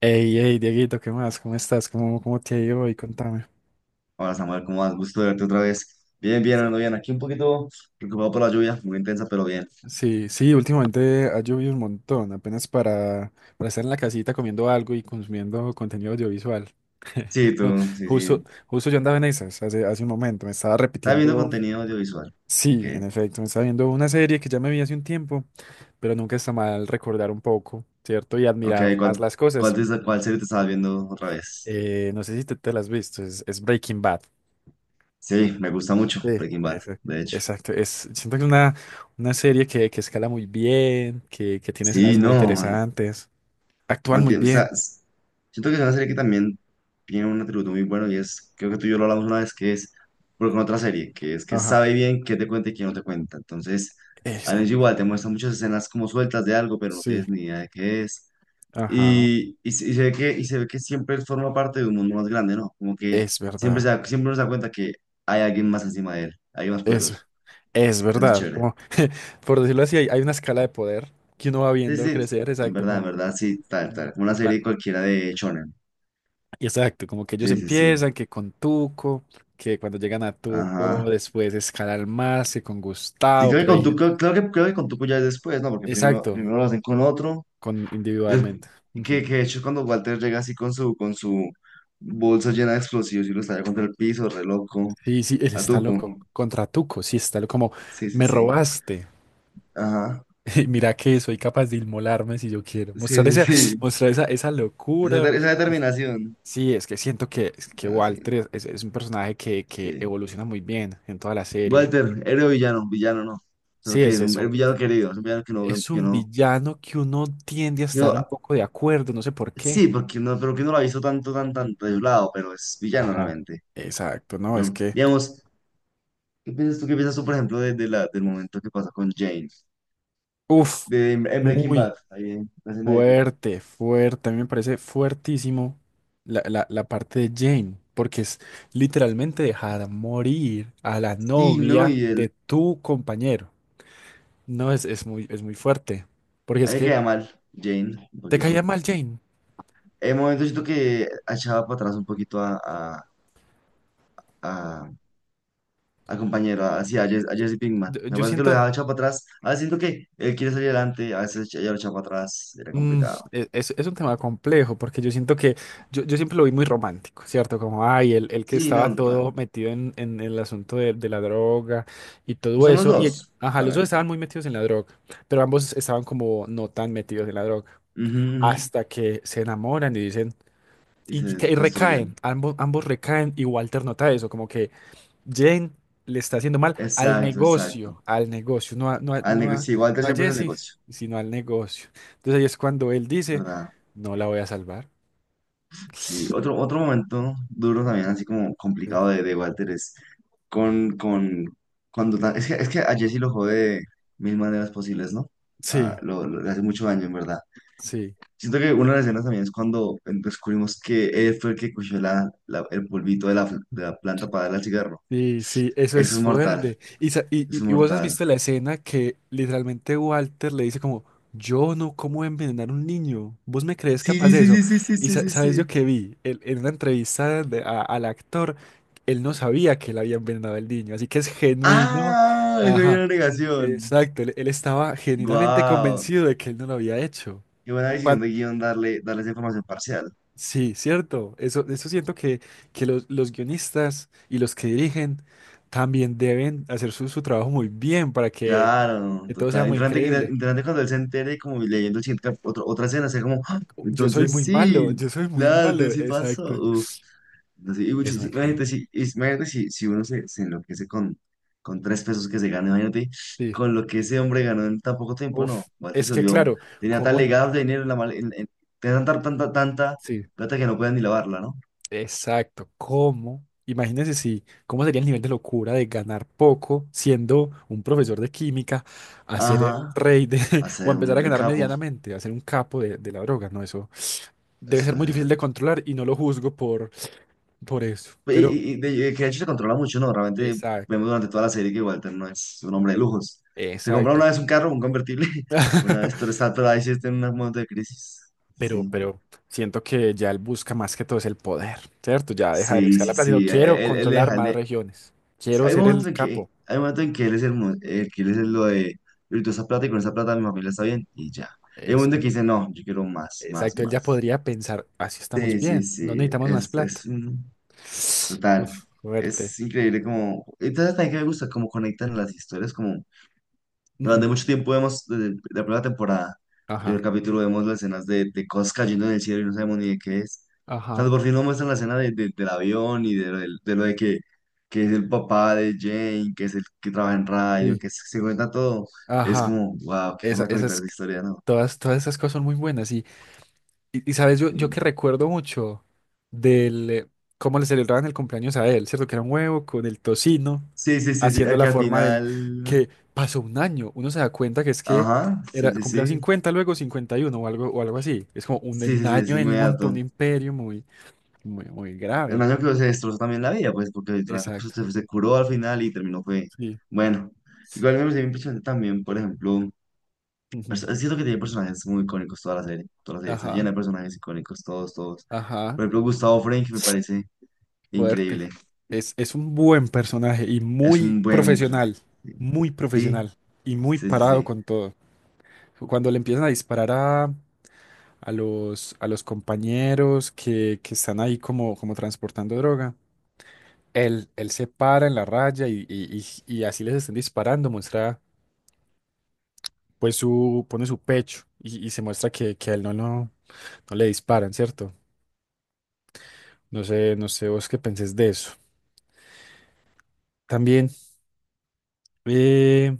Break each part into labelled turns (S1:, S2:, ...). S1: Hey, hey, Dieguito, ¿qué más? ¿Cómo estás? ¿Cómo te ha ido hoy? Contame.
S2: Hola Samuel, ¿cómo vas? Gusto de verte otra vez. Bien, bien,
S1: Sí.
S2: ando bien. Aquí un poquito preocupado por la lluvia, muy intensa, pero bien.
S1: Sí, sí, últimamente ha llovido un montón, apenas para estar en la casita comiendo algo y consumiendo contenido audiovisual.
S2: Sí,
S1: No,
S2: tú, sí,
S1: justo,
S2: sí.
S1: justo yo andaba en esas hace un momento, me estaba
S2: Estaba viendo
S1: repitiendo,
S2: contenido audiovisual. Ok.
S1: sí, en efecto, me estaba viendo una serie que ya me vi hace un tiempo, pero nunca está mal recordar un poco, ¿cierto? Y
S2: Ok,
S1: admirar
S2: ¿cuál,
S1: más las
S2: cuál,
S1: cosas.
S2: te- está- cuál serie te estabas viendo otra vez?
S1: No sé si te las has visto, es Breaking Bad.
S2: Sí, me gusta mucho
S1: Sí,
S2: Breaking Bad,
S1: ese
S2: de hecho.
S1: exacto. Es, siento que es una serie que escala muy bien, que tiene
S2: Sí,
S1: escenas muy
S2: no,
S1: interesantes,
S2: no
S1: actúan muy
S2: entiendo, o sea,
S1: bien.
S2: siento que es una serie que también tiene un atributo muy bueno y es, creo que tú y yo lo hablamos una vez, que es, porque con otra serie, que es que
S1: Ajá,
S2: sabe bien qué te cuenta y qué no te cuenta. Entonces, a veces
S1: exacto.
S2: igual te muestra muchas escenas como sueltas de algo, pero no
S1: Sí,
S2: tienes ni idea de qué es.
S1: ajá,
S2: Y se ve que, y se ve que siempre forma parte de un mundo más grande, ¿no? Como que
S1: es
S2: siempre,
S1: verdad.
S2: siempre nos da cuenta que hay alguien más encima de él, alguien más
S1: Es,
S2: poderoso.
S1: es
S2: Eso es
S1: verdad.
S2: chévere.
S1: Como, por decirlo así, hay una escala de poder que uno va
S2: Sí,
S1: viendo
S2: sí,
S1: crecer, exacto.
S2: en verdad, sí, tal,
S1: Como-
S2: tal, como una
S1: ah,
S2: serie cualquiera de Shonen.
S1: exacto, como que ellos
S2: Sí, sí, sí.
S1: empiezan, que con Tuco, que cuando llegan a Tuco,
S2: Ajá.
S1: después escalan más, que con
S2: Sí,
S1: Gustavo,
S2: creo que
S1: pero hay
S2: con tu,
S1: gente.
S2: creo, creo que con Tuco ya es después, ¿no? Porque primero,
S1: Exacto,
S2: primero lo hacen con otro.
S1: con
S2: des-
S1: individualmente.
S2: que,
S1: Ujú.
S2: que de hecho cuando Walter llega así con su bolsa llena de explosivos y lo estalla contra el piso, re loco.
S1: Sí, sí, él
S2: A
S1: está
S2: Tuco.
S1: loco. Contra Tuco, sí, está loco. Como,
S2: Sí, sí,
S1: me
S2: sí.
S1: robaste.
S2: Ajá.
S1: Mira que soy capaz de inmolarme si yo quiero. Mostrar
S2: Sí, sí,
S1: esa,
S2: sí.
S1: mostrar esa
S2: Esa,
S1: locura.
S2: esa
S1: Es-
S2: determinación.
S1: Sí, es que siento es que
S2: Bueno, sí,
S1: Walter es un personaje que
S2: sí.
S1: evoluciona muy bien en toda la serie.
S2: Walter, héroe o villano, villano no. Solo
S1: Sí,
S2: que
S1: es
S2: es un, el
S1: eso.
S2: villano querido, es un villano que no,
S1: Es
S2: que
S1: un
S2: no.
S1: villano que uno tiende a
S2: Yo,
S1: estar un poco de acuerdo, no sé por qué.
S2: sí, porque no, pero que no lo ha visto tanto, tan, tan de un lado, pero es villano
S1: Ajá.
S2: realmente.
S1: Exacto, no,
S2: ¿No? Digamos. ¿Qué piensas tú? ¿Qué piensas tú, por ejemplo, de la, del momento que pasa con Jane?
S1: uff,
S2: De, en Breaking
S1: muy.
S2: Bad, ahí en la escena de Jane.
S1: Fuerte, fuerte. A mí me parece fuertísimo la parte de Jane, porque es literalmente dejar morir a la
S2: Sí, ¿no?
S1: novia
S2: Y
S1: de
S2: él,
S1: tu compañero. No, es muy fuerte. Porque
S2: a
S1: es
S2: mí me
S1: que
S2: queda mal, Jane, un
S1: te caía
S2: poquito.
S1: mal, Jane.
S2: En el momento siento que echaba para atrás un poquito a, a compañero, así, a, a Jesse Pinkman. Me
S1: Yo
S2: parece que lo dejaba
S1: siento.
S2: echado para atrás. A veces siento que él quiere salir adelante, a veces ella lo echaba para atrás, era
S1: Mm,
S2: complicado.
S1: es un tema complejo porque yo siento que yo siempre lo vi muy romántico, ¿cierto? Como, ay, el que
S2: Sí,
S1: estaba
S2: no,
S1: todo
S2: tan.
S1: metido en el asunto de la droga y
S2: Pues
S1: todo
S2: son los
S1: eso.
S2: dos,
S1: Ajá, los dos
S2: realmente.
S1: estaban muy metidos en la droga, pero ambos estaban como no tan metidos en la droga.
S2: Ujú, ujú.
S1: Hasta que se enamoran y dicen,
S2: Y se
S1: y recaen,
S2: destruyen.
S1: ambos, ambos recaen y Walter nota eso, como que Jane le está haciendo mal
S2: Exacto, exacto.
S1: al negocio,
S2: Al negocio, igual Walter
S1: no a
S2: siempre es el
S1: Jesse,
S2: negocio,
S1: sino al negocio. Entonces ahí es cuando él dice,
S2: ¿verdad?
S1: no la voy a salvar.
S2: Sí, otro, otro momento duro también,
S1: Ujú.
S2: así como complicado de Walter, es con cuando es que a Jesse lo jode de mil maneras posibles, ¿no? Ah,
S1: Sí,
S2: le hace mucho daño, en verdad.
S1: sí.
S2: Siento que una de las escenas también es cuando descubrimos que él fue el que cogió el polvito de la, de la planta para darle al cigarro.
S1: Sí, sí, eso
S2: Eso
S1: es
S2: es mortal,
S1: fuerte.
S2: eso es
S1: Y vos has
S2: mortal.
S1: visto la escena que literalmente Walter le dice como, yo no cómo envenenar a un niño, vos me crees
S2: Sí,
S1: capaz
S2: sí,
S1: de eso.
S2: sí, sí, sí, sí, sí, sí,
S1: Sabes yo
S2: sí.
S1: que vi, en una entrevista al actor, él no sabía que él había envenenado al niño, así que es genuino.
S2: ¡Ah! Eso era
S1: Ajá,
S2: una negación.
S1: exacto, él estaba genuinamente
S2: ¡Guau!
S1: convencido de que él no lo había hecho.
S2: Qué buena decisión de guión darle, darle esa información parcial.
S1: Sí, cierto. Eso siento que los guionistas y los que dirigen también deben hacer su, su trabajo muy bien
S2: Claro,
S1: que todo sea
S2: total.
S1: muy
S2: Interesante,
S1: creíble.
S2: interesante cuando él se entere, como leyendo el siguiente otra escena, sea como, "Ah,
S1: Yo soy
S2: entonces
S1: muy malo,
S2: sí,
S1: yo soy muy
S2: claro,
S1: malo.
S2: entonces sí pasó.
S1: Exacto.
S2: Uf, así,
S1: Es
S2: sí,
S1: una
S2: imagínate,
S1: pena.
S2: si, imagínate si, si uno se, se enloquece con tres pesos que se gana, imagínate
S1: Sí.
S2: con lo que ese hombre ganó en tan poco tiempo,
S1: Uf,
S2: no, Walter
S1: es
S2: se
S1: que
S2: volvió,
S1: claro,
S2: tenía tal
S1: ¿cómo?
S2: legado de dinero en la tenía tanta, tanta, tanta
S1: Sí,
S2: plata que no pueden ni lavarla, ¿no?
S1: exacto. ¿Cómo? Imagínense si, ¿cómo sería el nivel de locura de ganar poco siendo un profesor de química a ser
S2: Ajá,
S1: el rey de,
S2: va a
S1: o
S2: ser
S1: empezar
S2: un,
S1: a
S2: el
S1: ganar
S2: capo,
S1: medianamente, a ser un capo de la droga? No, eso debe
S2: eso.
S1: ser muy difícil de controlar y no lo juzgo por eso.
S2: Pues,
S1: Pero,
S2: que de hecho se controla mucho, ¿no? Realmente
S1: exacto,
S2: vemos durante toda la serie que Walter no es un hombre de lujos. Se compra una
S1: exacto.
S2: vez un carro, un convertible, una vez todo está atorado ahí sí está en un momento de crisis. Sí,
S1: Pero siento que ya él busca más que todo es el poder, ¿cierto? Ya deja de
S2: sí,
S1: buscar la
S2: sí,
S1: plata. Y digo,
S2: sí. Él,
S1: quiero
S2: él
S1: controlar
S2: deja, él
S1: más
S2: de...
S1: regiones.
S2: sí,
S1: Quiero
S2: hay un
S1: ser el
S2: momento en que,
S1: capo.
S2: hay un momento en que él es el, que él es lo de, yo esa plata y con esa plata mi familia está bien y ya. Hay un momento en que
S1: Exacto.
S2: dice, no, yo quiero más, más,
S1: Exacto. Él ya
S2: más.
S1: podría pensar, así estamos
S2: Sí, sí,
S1: bien. No
S2: sí,
S1: necesitamos más plata.
S2: es un, total,
S1: Uf, fuerte.
S2: es increíble como, entonces también que me gusta cómo conectan las historias como
S1: Ujú.
S2: durante mucho tiempo vemos, la primera temporada, el
S1: Ajá.
S2: primer capítulo, vemos las escenas de cosas cayendo en el cielo y no sabemos ni de qué es. Cuando
S1: Ajá.
S2: por fin nos muestran la escena del avión y de, de lo de que es el papá de Jane, que es el que trabaja en radio,
S1: Sí.
S2: que se cuenta todo, es
S1: Ajá.
S2: como, wow, qué forma de conectar
S1: Esas,
S2: esa historia, ¿no?
S1: todas esas cosas son muy buenas.
S2: Sí,
S1: Yo que recuerdo mucho del cómo le celebraban el cumpleaños a él, ¿cierto? Que era un huevo con el tocino,
S2: sí, sí, sí, sí, a
S1: haciendo
S2: que
S1: la
S2: al
S1: forma del
S2: final,
S1: que pasó un año. Uno se da cuenta que es que
S2: ajá, sí,
S1: era
S2: sí,
S1: cumplía
S2: sí,
S1: 50 luego 51 o algo así. Es como un, en
S2: sí,
S1: un
S2: sí, sí, es
S1: año él montó un
S2: inmediato.
S1: imperio muy, muy, muy
S2: El
S1: grave.
S2: man creo que se destrozó también la vida, pues, porque literalmente pues,
S1: Exacto.
S2: se curó al final y terminó, fue,
S1: Sí.
S2: bueno. Igual me pareció impresionante también, por ejemplo,
S1: Ujú,
S2: es cierto que tiene personajes muy icónicos toda la serie está llena
S1: ajá,
S2: de personajes icónicos, todos, todos.
S1: ajá.
S2: Por ejemplo, Gustavo Fring me parece
S1: Fuerte.
S2: increíble,
S1: Es un buen personaje y
S2: es un buen personaje.
S1: muy
S2: Sí,
S1: profesional y muy
S2: sí, sí, sí.
S1: parado
S2: Sí.
S1: con todo. Cuando le empiezan a disparar a los compañeros que están ahí como, como transportando droga, él se para en la raya y así les están disparando, muestra, pues su, pone su pecho y se muestra que a él no le disparan, ¿cierto? No sé, no sé vos qué pensés de eso. También eh,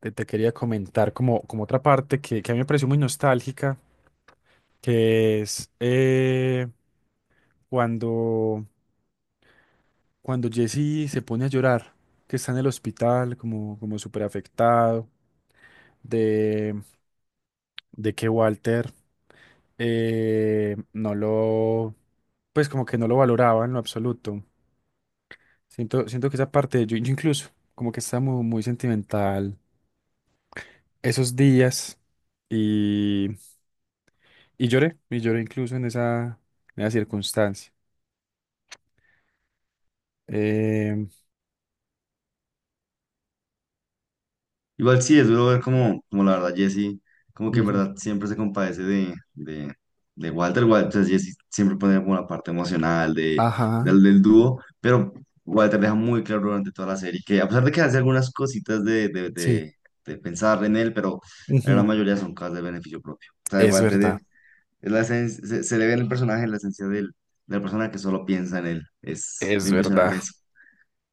S1: te quería comentar como, como otra parte que a mí me pareció muy nostálgica, que es cuando cuando Jesse se pone a llorar, que está en el hospital como, como súper afectado, de, de que Walter no lo, pues como que no lo valoraba en lo absoluto. Siento, siento que esa parte, yo incluso como que estaba muy, muy sentimental esos días y, y lloré incluso en en esa circunstancia. Em,
S2: Igual sí, es duro ver como, como la verdad Jesse, como que en
S1: Ujú.
S2: verdad siempre se compadece de Walter. Walter, Jesse siempre pone como la parte emocional de,
S1: Ajá,
S2: del, del dúo, pero Walter deja muy claro durante toda la serie que a pesar de que hace algunas cositas
S1: sí.
S2: de pensar en él, pero la gran
S1: Ujú.
S2: mayoría son cosas de beneficio propio. O sea,
S1: Es
S2: Walter
S1: verdad,
S2: es, se, se le ve en el personaje, en la esencia del, de la persona que solo piensa en él. Es
S1: es
S2: muy
S1: verdad,
S2: impresionante eso.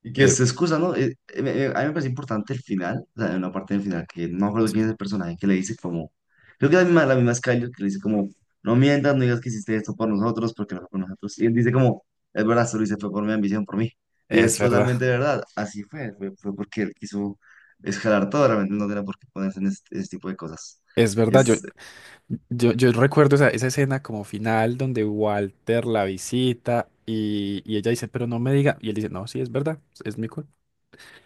S2: Y que
S1: es,
S2: se excusa, ¿no? A mí me parece importante el final, o sea, hay una parte del final que no me acuerdo
S1: sí,
S2: quién es el personaje que le dice como, creo que la misma es que le dice como, no mientas, no digas que hiciste esto por nosotros, porque no fue por nosotros. Y él dice como, es verdad, solo hice fue por mi ambición, por mí. Y es
S1: es verdad.
S2: totalmente verdad, así fue, fue, fue porque él quiso escalar todo, realmente no tenía por qué ponerse en este, este tipo de cosas.
S1: Es verdad,
S2: Es,
S1: yo recuerdo esa escena como final donde Walter la visita y ella dice, pero no me diga. Y él dice, no, sí, es verdad, es mi culpa.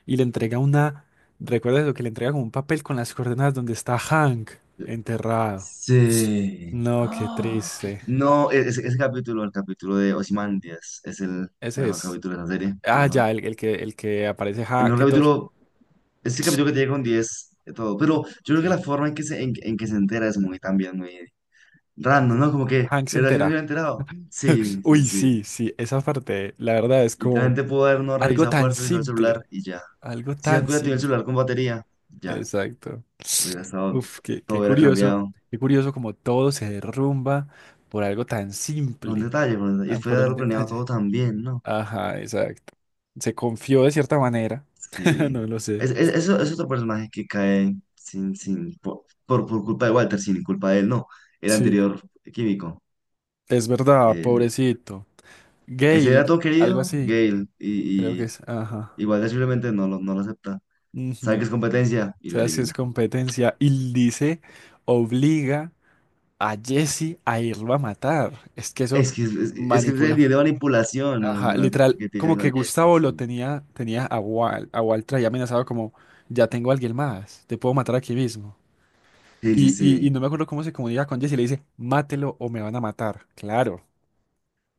S1: Y le entrega una, ¿recuerdas lo que le entrega como un papel con las coordenadas donde está Hank
S2: eh,
S1: enterrado?
S2: sí.
S1: No, qué triste.
S2: No, ese, ese capítulo, el capítulo de Ozymandias, es el
S1: Ese
S2: mejor
S1: es.
S2: capítulo de la serie, a lo
S1: Ah, ya,
S2: mejor.
S1: el que aparece
S2: El
S1: Hank,
S2: mejor
S1: que todos.
S2: capítulo, ese capítulo que te llega con 10 de todo. Pero yo creo que
S1: Sí.
S2: la forma en que se entera es muy también muy random, ¿no? Como que, ¿de
S1: Hank se
S2: verdad yo no me
S1: entera.
S2: había enterado? Sí, sí,
S1: Uy,
S2: sí.
S1: sí, sí, esa parte, la verdad es como
S2: Literalmente pudo haber no
S1: algo
S2: revisado,
S1: tan
S2: poder revisar el
S1: simple,
S2: celular y ya.
S1: algo
S2: Si no
S1: tan
S2: hubiera tenido el
S1: simple.
S2: celular con batería, ya.
S1: Exacto.
S2: Hubiera estado,
S1: Uf,
S2: todo hubiera cambiado.
S1: qué curioso como todo se derrumba por algo tan
S2: Por un
S1: simple,
S2: detalle, por un detalle. Y
S1: ah,
S2: después de
S1: por un
S2: haberlo planeado
S1: detalle.
S2: todo también, ¿no?
S1: Ajá, exacto. Se confió de cierta manera, no
S2: Sí.
S1: lo sé.
S2: Es, es otro personaje que cae sin, sin, por culpa de Walter, sin culpa de él, no. El
S1: Sí,
S2: anterior químico.
S1: es verdad, pobrecito.
S2: Ese
S1: Gale,
S2: era todo
S1: algo
S2: querido,
S1: así,
S2: Gale,
S1: creo que
S2: y
S1: es. Ajá.
S2: igual simplemente no lo, no lo acepta. Sabe que
S1: Ujú.
S2: es competencia y lo
S1: ¿Sabes qué
S2: elimina.
S1: es competencia? Y dice, obliga a Jesse a irlo a matar. Es que eso
S2: Es que es, es que es el
S1: manipula.
S2: nivel de manipulación
S1: Ajá,
S2: emocional
S1: literal,
S2: que tiene
S1: como que
S2: con Jesse,
S1: Gustavo lo
S2: sí.
S1: tenía, tenía a Wal traía amenazado como, ya tengo a alguien más, te puedo matar aquí mismo.
S2: Sí, sí,
S1: Y no
S2: sí.
S1: me acuerdo cómo se comunica con Jesse y le dice, mátelo o me van a matar. Claro,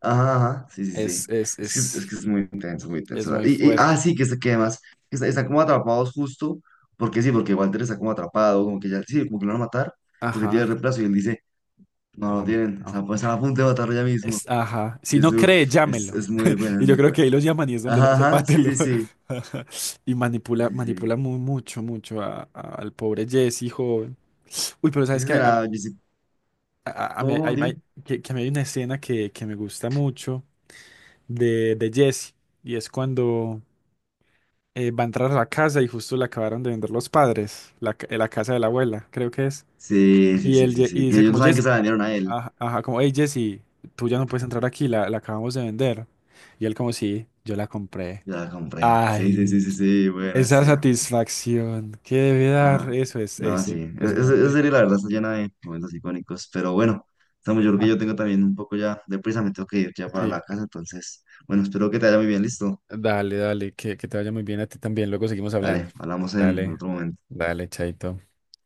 S2: Ajá, ajá, sí, sí,
S1: es,
S2: sí.
S1: es,
S2: Es
S1: es,
S2: que es muy intenso, muy
S1: es
S2: intenso.
S1: muy
S2: Y, ah,
S1: fuerte.
S2: sí, que, que además está, están como atrapados justo, porque sí, porque Walter está como atrapado, como que ya, sí, como que lo van a matar, porque tiene
S1: Ajá,
S2: el reemplazo y él dice, no lo
S1: no,
S2: tienen,
S1: no.
S2: están, están a punto de matarlo ya mismo.
S1: Es, ajá,
S2: Y
S1: si
S2: es,
S1: no
S2: uf,
S1: cree, llámelo.
S2: es muy bueno,
S1: Y yo
S2: muy
S1: creo
S2: bueno.
S1: que ahí los llaman y es donde le
S2: Ajá,
S1: dice,
S2: ajá, sí,
S1: mátelo.
S2: sí, sí.
S1: Ajá. Y
S2: Sí,
S1: manipula,
S2: sí, sí.
S1: manipula muy, mucho, mucho al pobre Jesse, joven. Uy, pero ¿sabes
S2: Ese
S1: qué?
S2: será, yo sí.
S1: A
S2: ¿Cómo,
S1: mí hay-
S2: cómo?
S1: hay-
S2: Dime.
S1: hay- que a mí hay una escena que me gusta mucho de Jesse, y es cuando va a entrar a la casa y justo le acabaron de vender los padres, la casa de la abuela, creo que es.
S2: Sí, sí, sí, sí,
S1: Y
S2: sí. Que
S1: dice
S2: ellos no
S1: como
S2: saben que
S1: Jesse,
S2: se la vendieron a él.
S1: ajá, ajá, como, hey Jesse, tú ya no puedes entrar aquí, la acabamos de vender. Y él como, sí, yo la compré.
S2: Yo la compré. Sí, sí,
S1: Ay,
S2: sí, sí, sí. Buena
S1: esa
S2: escena, pues.
S1: satisfacción que debe dar,
S2: Ajá.
S1: eso
S2: No,
S1: es
S2: sí. Esa
S1: impresionante.
S2: serie, la verdad, está llena de momentos icónicos. Pero bueno, estamos, yo creo que yo
S1: Ajá,
S2: tengo también un poco ya de prisa. Me tengo que ir ya para
S1: sí.
S2: la casa. Entonces, bueno, espero que te vaya muy bien. Listo.
S1: Dale, dale, que te vaya muy bien a ti también. Luego seguimos
S2: Dale,
S1: hablando.
S2: hablamos en
S1: Dale,
S2: otro momento.
S1: dale, chaito.